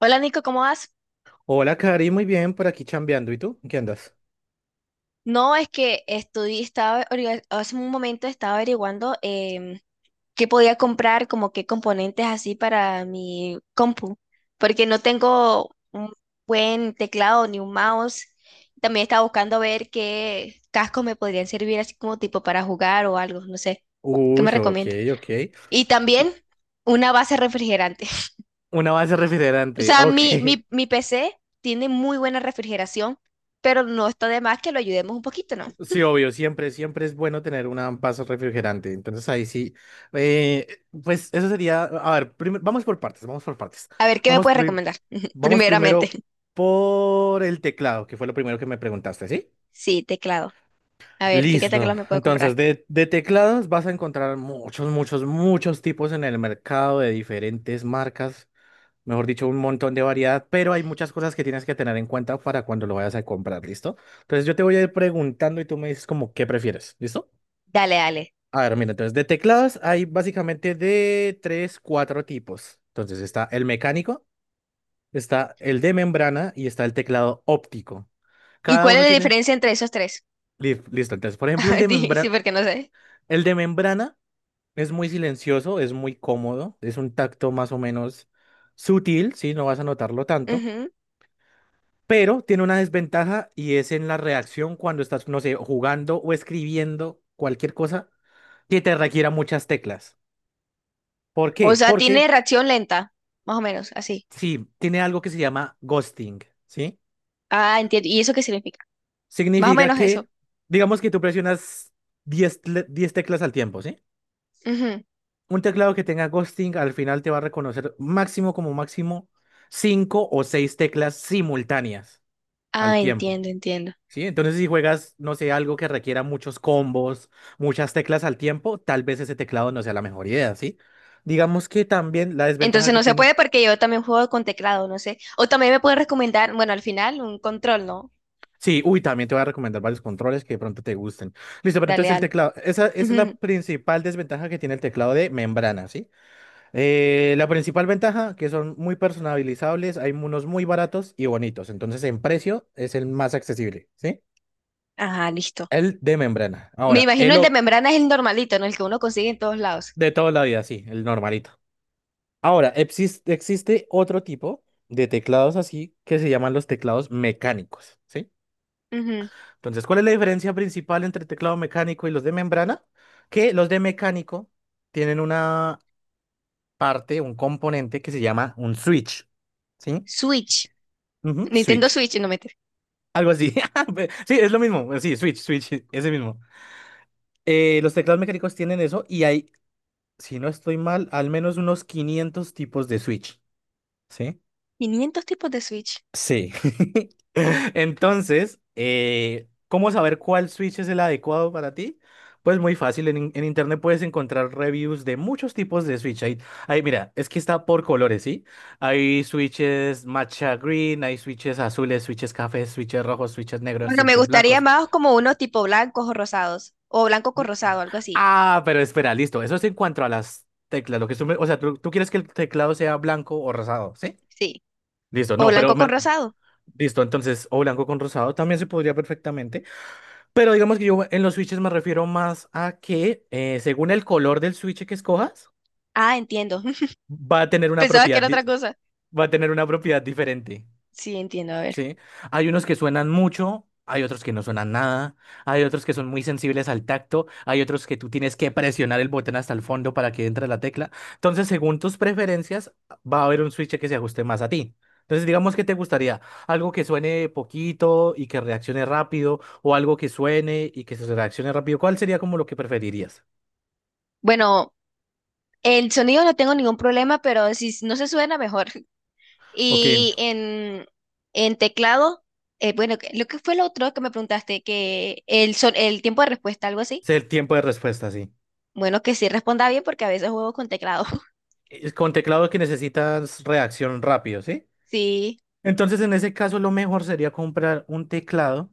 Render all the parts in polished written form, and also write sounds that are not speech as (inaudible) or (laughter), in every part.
Hola, Nico, ¿cómo vas? Hola, Cari, muy bien, por aquí chambeando. ¿Y tú? ¿En ¿Qué andas? No, es que estudié, estaba, hace un momento estaba averiguando qué podía comprar, como qué componentes así para mi compu, porque no tengo un buen teclado ni un mouse. También estaba buscando ver qué cascos me podrían servir así como tipo para jugar o algo, no sé, ¿qué Uy, me ok, recomiendas? ok. Y también una base refrigerante. (laughs) Una base O refrigerante, sea, ok. mi, (laughs) mi, mi PC tiene muy buena refrigeración, pero no está de más que lo ayudemos un poquito, ¿no? Sí, obvio, siempre es bueno tener una base refrigerante. Entonces ahí sí. eh, pues eso sería, a ver, vamos por partes, vamos por partes. A ver, ¿qué me Vamos, puedes pri- recomendar? (laughs) vamos Primeramente. primero por el teclado, que fue lo primero que me preguntaste, ¿sí? Sí, teclado. A ver, ¿qué Listo. teclado me puedo Entonces, comprar? de teclados vas a encontrar muchos, muchos, muchos tipos en el mercado de diferentes marcas. Mejor dicho, un montón de variedad, pero hay muchas cosas que tienes que tener en cuenta para cuando lo vayas a comprar, ¿listo? Entonces yo te voy a ir preguntando y tú me dices como qué prefieres, ¿listo? Dale, dale. A ver, mira, entonces de teclados hay básicamente de tres, cuatro tipos. Entonces está el mecánico, está el de membrana y está el teclado óptico. ¿Y Cada cuál es uno la tiene. diferencia entre esos tres? Listo, entonces, por ejemplo, el (laughs) de Sí, membrana, porque no sé. el de membrana es muy silencioso, es muy cómodo, es un tacto más o menos sutil, ¿sí? No vas a notarlo tanto. Ujú. Pero tiene una desventaja y es en la reacción cuando estás, no sé, jugando o escribiendo cualquier cosa que te requiera muchas teclas. ¿Por O qué? sea, tiene Porque reacción lenta, más o menos, así. sí, tiene algo que se llama ghosting, ¿sí? Ah, entiendo. ¿Y eso qué significa? Más o Significa menos eso. que, digamos que tú presionas 10 teclas al tiempo, ¿sí? Ujú. Un teclado que tenga ghosting al final te va a reconocer máximo como máximo 5 o 6 teclas simultáneas al Ah, tiempo. entiendo, entiendo. Sí, entonces si juegas, no sé, algo que requiera muchos combos, muchas teclas al tiempo, tal vez ese teclado no sea la mejor idea, ¿sí? Digamos que también la desventaja Entonces que no se tiene. puede porque yo también juego con teclado, no sé. O también me pueden recomendar, bueno, al final un control, ¿no? Sí, uy, también te voy a recomendar varios controles que de pronto te gusten. Listo, pero Dale, entonces el dale. teclado, esa es la Ujú. principal desventaja que tiene el teclado de membrana, ¿sí? La principal ventaja, que son muy personalizables, hay unos muy baratos y bonitos, entonces en precio es el más accesible, ¿sí? Ajá, listo. El de membrana. Me Ahora, imagino el de membrana es el normalito, ¿no? El que uno consigue en todos lados. de toda la vida, sí, el normalito. Ahora, existe otro tipo de teclados así que se llaman los teclados mecánicos, ¿sí? Ujú. Entonces, ¿cuál es la diferencia principal entre el teclado mecánico y los de membrana? Que los de mecánico tienen una parte, un componente que se llama un switch, ¿sí? Switch, Ujú, Nintendo switch. Switch, no meter. Algo así. (laughs) Sí, es lo mismo. Sí, switch, switch, (laughs) sí, ese mismo. Los teclados mecánicos tienen eso y hay, si no estoy mal, al menos unos 500 tipos de switch, ¿sí? 500 tipos de Switch. Sí. (laughs) Entonces, ¿cómo saber cuál switch es el adecuado para ti? Pues muy fácil, en internet puedes encontrar reviews de muchos tipos de switch. Hay, mira, es que está por colores, ¿sí? Hay switches matcha green, hay switches azules, switches cafés, switches rojos, switches negros, Bueno, me switches gustaría blancos. más como unos tipo blancos o rosados, o blanco con rosado, algo así. Ah, pero espera, listo. Eso es en cuanto a las teclas. Lo que tú me- O sea, tú quieres que el teclado sea blanco o rosado, ¿sí? Sí, Listo, o no, blanco con rosado. listo, entonces, o blanco con rosado también se podría perfectamente. Pero digamos que yo en los switches me refiero más a que según el color del switch que escojas, Ah, entiendo. (laughs) va a tener una Pensaba que propiedad, era di- otra cosa. va a tener una propiedad diferente. Sí, entiendo, a ver. Sí, hay unos que suenan mucho, hay otros que no suenan nada, hay otros que son muy sensibles al tacto, hay otros que tú tienes que presionar el botón hasta el fondo para que entre la tecla. Entonces, según tus preferencias, va a haber un switch que se ajuste más a ti. Entonces, digamos que te gustaría algo que suene poquito y que reaccione rápido, o algo que suene y que se reaccione rápido. ¿Cuál sería como lo que preferirías? Bueno, el sonido no tengo ningún problema, pero no se suena mejor. (laughs) Ok, Y ent- en, en teclado, bueno, lo que fue lo otro que me preguntaste, que el tiempo de respuesta, algo así. es el tiempo de respuesta, sí. Bueno, que sí responda bien porque a veces juego con teclado. (laughs) Es Con teclado que necesitas reacción rápido, ¿sí? Sí. Entonces, en ese caso, lo mejor sería comprar un teclado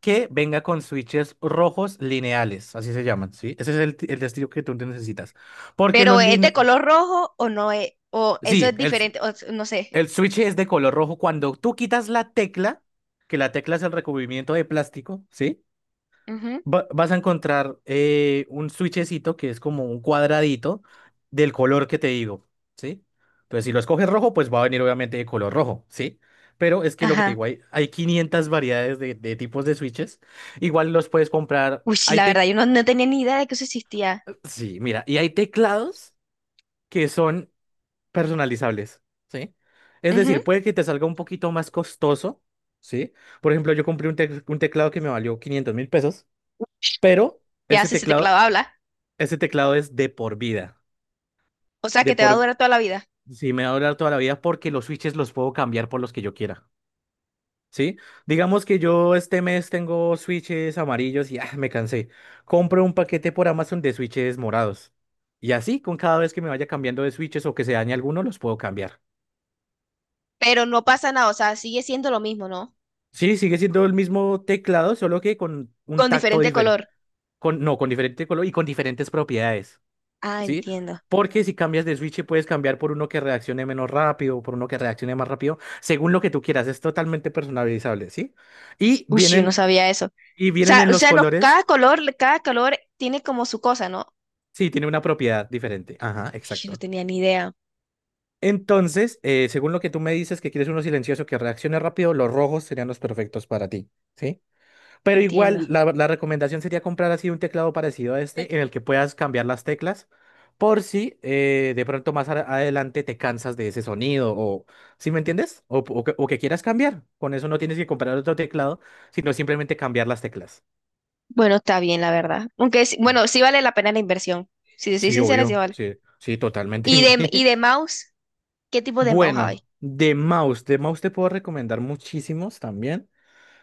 que venga con switches rojos lineales, así se llaman, ¿sí? Ese es el estilo que tú necesitas. Porque Pero los ¿es de lineales. color rojo o no es? O eso Sí, es diferente, o no sé. el switch es de color rojo. Cuando tú quitas la tecla, que la tecla es el recubrimiento de plástico, ¿sí? Ujú. vas a encontrar un switchecito que es como un cuadradito del color que te digo, ¿sí? Entonces, si lo escoges rojo, pues va a venir obviamente de color rojo, ¿sí? Pero es que lo que te Ajá. digo, hay 500 variedades de tipos de switches. Igual los puedes comprar. Uy, sí, la verdad, yo no, no tenía ni idea de que eso existía. Sí, mira, y hay teclados que son personalizables, ¿sí? Es Ujú. decir, puede que te salga un poquito más costoso, ¿sí? Por ejemplo, yo compré un teclado que me valió 500.000 pesos, pero. ¿Qué Ese haces si te teclado clava habla? Ese teclado es de por vida. O sea, De que te va a por. durar toda la vida. Si me va a durar toda la vida porque los switches los puedo cambiar por los que yo quiera. ¿Sí? Digamos que yo este mes tengo switches amarillos y ah, me cansé. Compro un paquete por Amazon de switches morados. Y así, con cada vez que me vaya cambiando de switches o que se dañe alguno, los puedo cambiar. Pero no pasa nada, o sea, sigue siendo lo mismo, ¿no? Sí, sigue siendo el mismo teclado, solo que con un Con tacto diferente diferente. color. Con, no, con diferente color y con diferentes propiedades. Ah, ¿Sí? entiendo. Porque si cambias de switch, puedes cambiar por uno que reaccione menos rápido, por uno que reaccione más rápido, según lo que tú quieras. Es totalmente personalizable, ¿sí? Y Uy, yo no vienen, sabía eso. y O vienen sea, en o los sea, no- colores. Cada color tiene como su cosa, ¿no? Sí, tiene una propiedad diferente. Ajá, Yo no exacto. tenía ni idea. Entonces, según lo que tú me dices, que quieres uno silencioso que reaccione rápido, los rojos serían los perfectos para ti, ¿sí? Pero Entiendo. igual, la recomendación sería comprar así un teclado parecido a este, en el que puedas cambiar las teclas, por si de pronto más adelante te cansas de ese sonido, o ¿sí me entiendes? O que quieras cambiar. Con eso no tienes que comprar otro teclado, sino simplemente cambiar las teclas. Bueno, está bien, la verdad. Bueno, sí vale la pena la inversión. Si te soy Sí, sincera, sí obvio, vale. sí, sí, ¿Y totalmente. de, y de (laughs) mouse? ¿Qué tipo de mouse hay? Bueno, de mouse te puedo recomendar muchísimos también.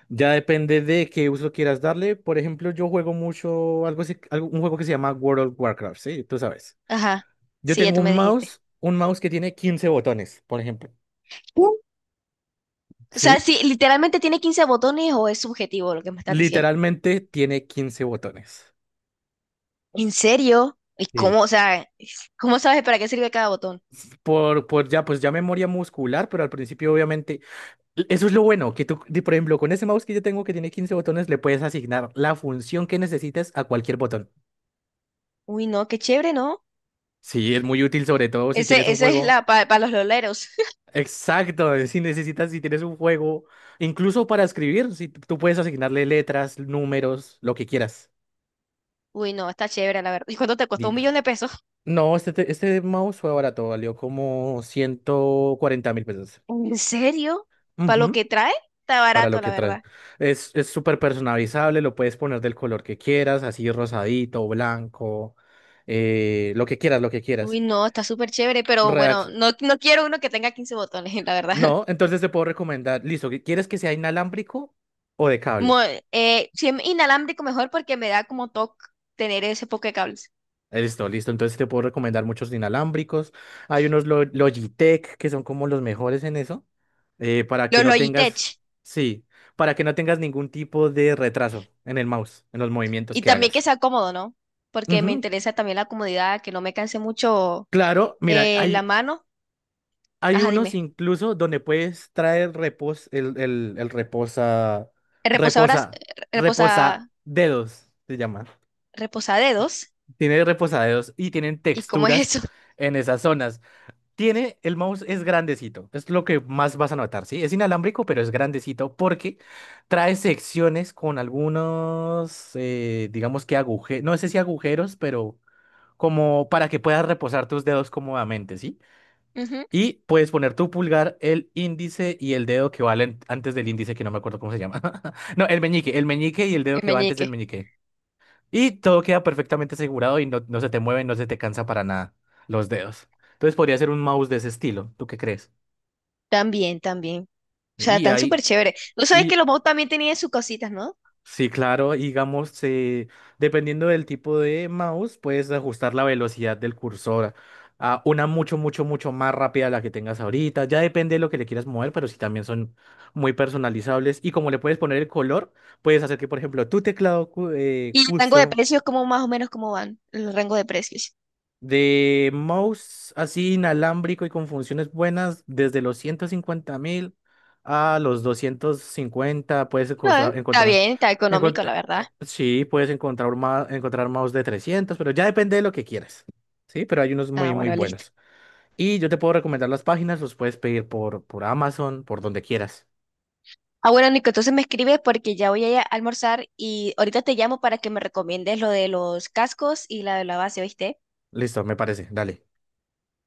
Ya depende de qué uso quieras darle. Por ejemplo, yo juego mucho algo, un juego que se llama World of Warcraft, ¿sí? Tú sabes. Ajá, Yo sí, ya tengo tú me dijiste. Un mouse que tiene 15 botones, por ejemplo. Sí. O sea, ¿Sí? si literalmente tiene 15 botones o es subjetivo lo que me estás diciendo. Literalmente tiene 15 botones. ¿En serio? ¿Y cómo, Sí. o sea, cómo sabes para qué sirve cada botón? Por ya, pues ya memoria muscular, pero al principio obviamente. Eso es lo bueno, que tú, por ejemplo, con ese mouse que yo tengo que tiene 15 botones, le puedes asignar la función que necesites a cualquier botón. Uy, no, qué chévere, ¿no? Sí, es muy útil, sobre todo si tienes Ese, un esa es juego. la para los loleros. (laughs) Exacto, si tienes un juego, incluso para escribir, si tú puedes asignarle letras, números, lo que quieras. Uy, no, está chévere, la verdad. ¿Y cuánto te costó? ¿Un Di- millón de pesos? No, este mouse fue barato, valió como 140 mil pesos. ¿En serio? ¿Para lo Ujú, que trae? Está para lo barato, la que trae. verdad. Es súper personalizable, lo puedes poner del color que quieras, así rosadito, blanco, lo que quieras, lo que Uy, quieras. no, está súper chévere, pero bueno, Reac- no, no quiero uno que tenga 15 botones, (laughs) la verdad. No, entonces te puedo recomendar, listo, ¿quieres que sea inalámbrico o de Mo- cable? Si es inalámbrico mejor porque me da como toque tener ese poco de cables. Listo, listo. Entonces sí te puedo recomendar muchos inalámbricos. Hay unos Logitech que son como los mejores en eso. Para que Los no tengas, Logitech. Sí, para que no tengas ningún tipo de retraso en el mouse, en los movimientos Y que también que hagas. sea cómodo, ¿no? Porque me Ujú, interesa también la comodidad, que no me canse mucho claro, mira, la hay, mano. hay Ajá, unos dime. incluso donde puedes traer repos, el Reposadoras, reposa, eh, reposa, reposa, dedos, se llama. reposadedos. Tiene reposadedos y tienen ¿Y cómo es texturas eso? en esas zonas. Tiene, el mouse es grandecito, es lo que más vas a notar, ¿sí? Es inalámbrico, pero es grandecito porque trae secciones con algunos, digamos que agujeros, no sé si agujeros, pero como para que puedas reposar tus dedos cómodamente, ¿sí? (laughs) Ujú. Y puedes poner tu pulgar, el índice y el dedo que va antes del índice, que no me acuerdo cómo se llama. (laughs) No, el meñique y el dedo El que va antes del meñique. meñique. Y todo queda perfectamente asegurado y no, no se te mueve, no se te cansa para nada los dedos. Entonces podría ser un mouse de ese estilo. ¿Tú qué crees? También, también. O sea, Y están súper ahí, chévere. Tú sabes que y los mouse también tenían sus cositas, ¿no? sí, claro, digamos, dependiendo del tipo de mouse, puedes ajustar la velocidad del cursor a una mucho, mucho, mucho más rápida a la que tengas ahorita. Ya depende de lo que le quieras mover, pero sí también son muy personalizables. Y como le puedes poner el color, puedes hacer que, por ejemplo, tu teclado ¿Y el rango de custom. precios, cómo más o menos cómo van? El rango de precios. De mouse así inalámbrico y con funciones buenas, desde los 150.000 a los 250 puedes No, Está encontrar. bien, está económico, la verdad. Sí, puedes encontrar, encontrar mouse de trescientos, pero ya depende de lo que quieras. Sí, pero hay unos Ah, muy, muy bueno, listo. buenos. Y yo te puedo recomendar las páginas, los puedes pedir por, Amazon, por donde quieras. Ah, bueno, Nico, entonces me escribes porque ya voy a ir a almorzar y ahorita te llamo para que me recomiendes lo de los cascos y la de la base, ¿oíste? Listo, me parece. Dale.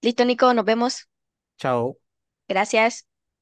Listo, Nico, nos vemos. Chao. Gracias.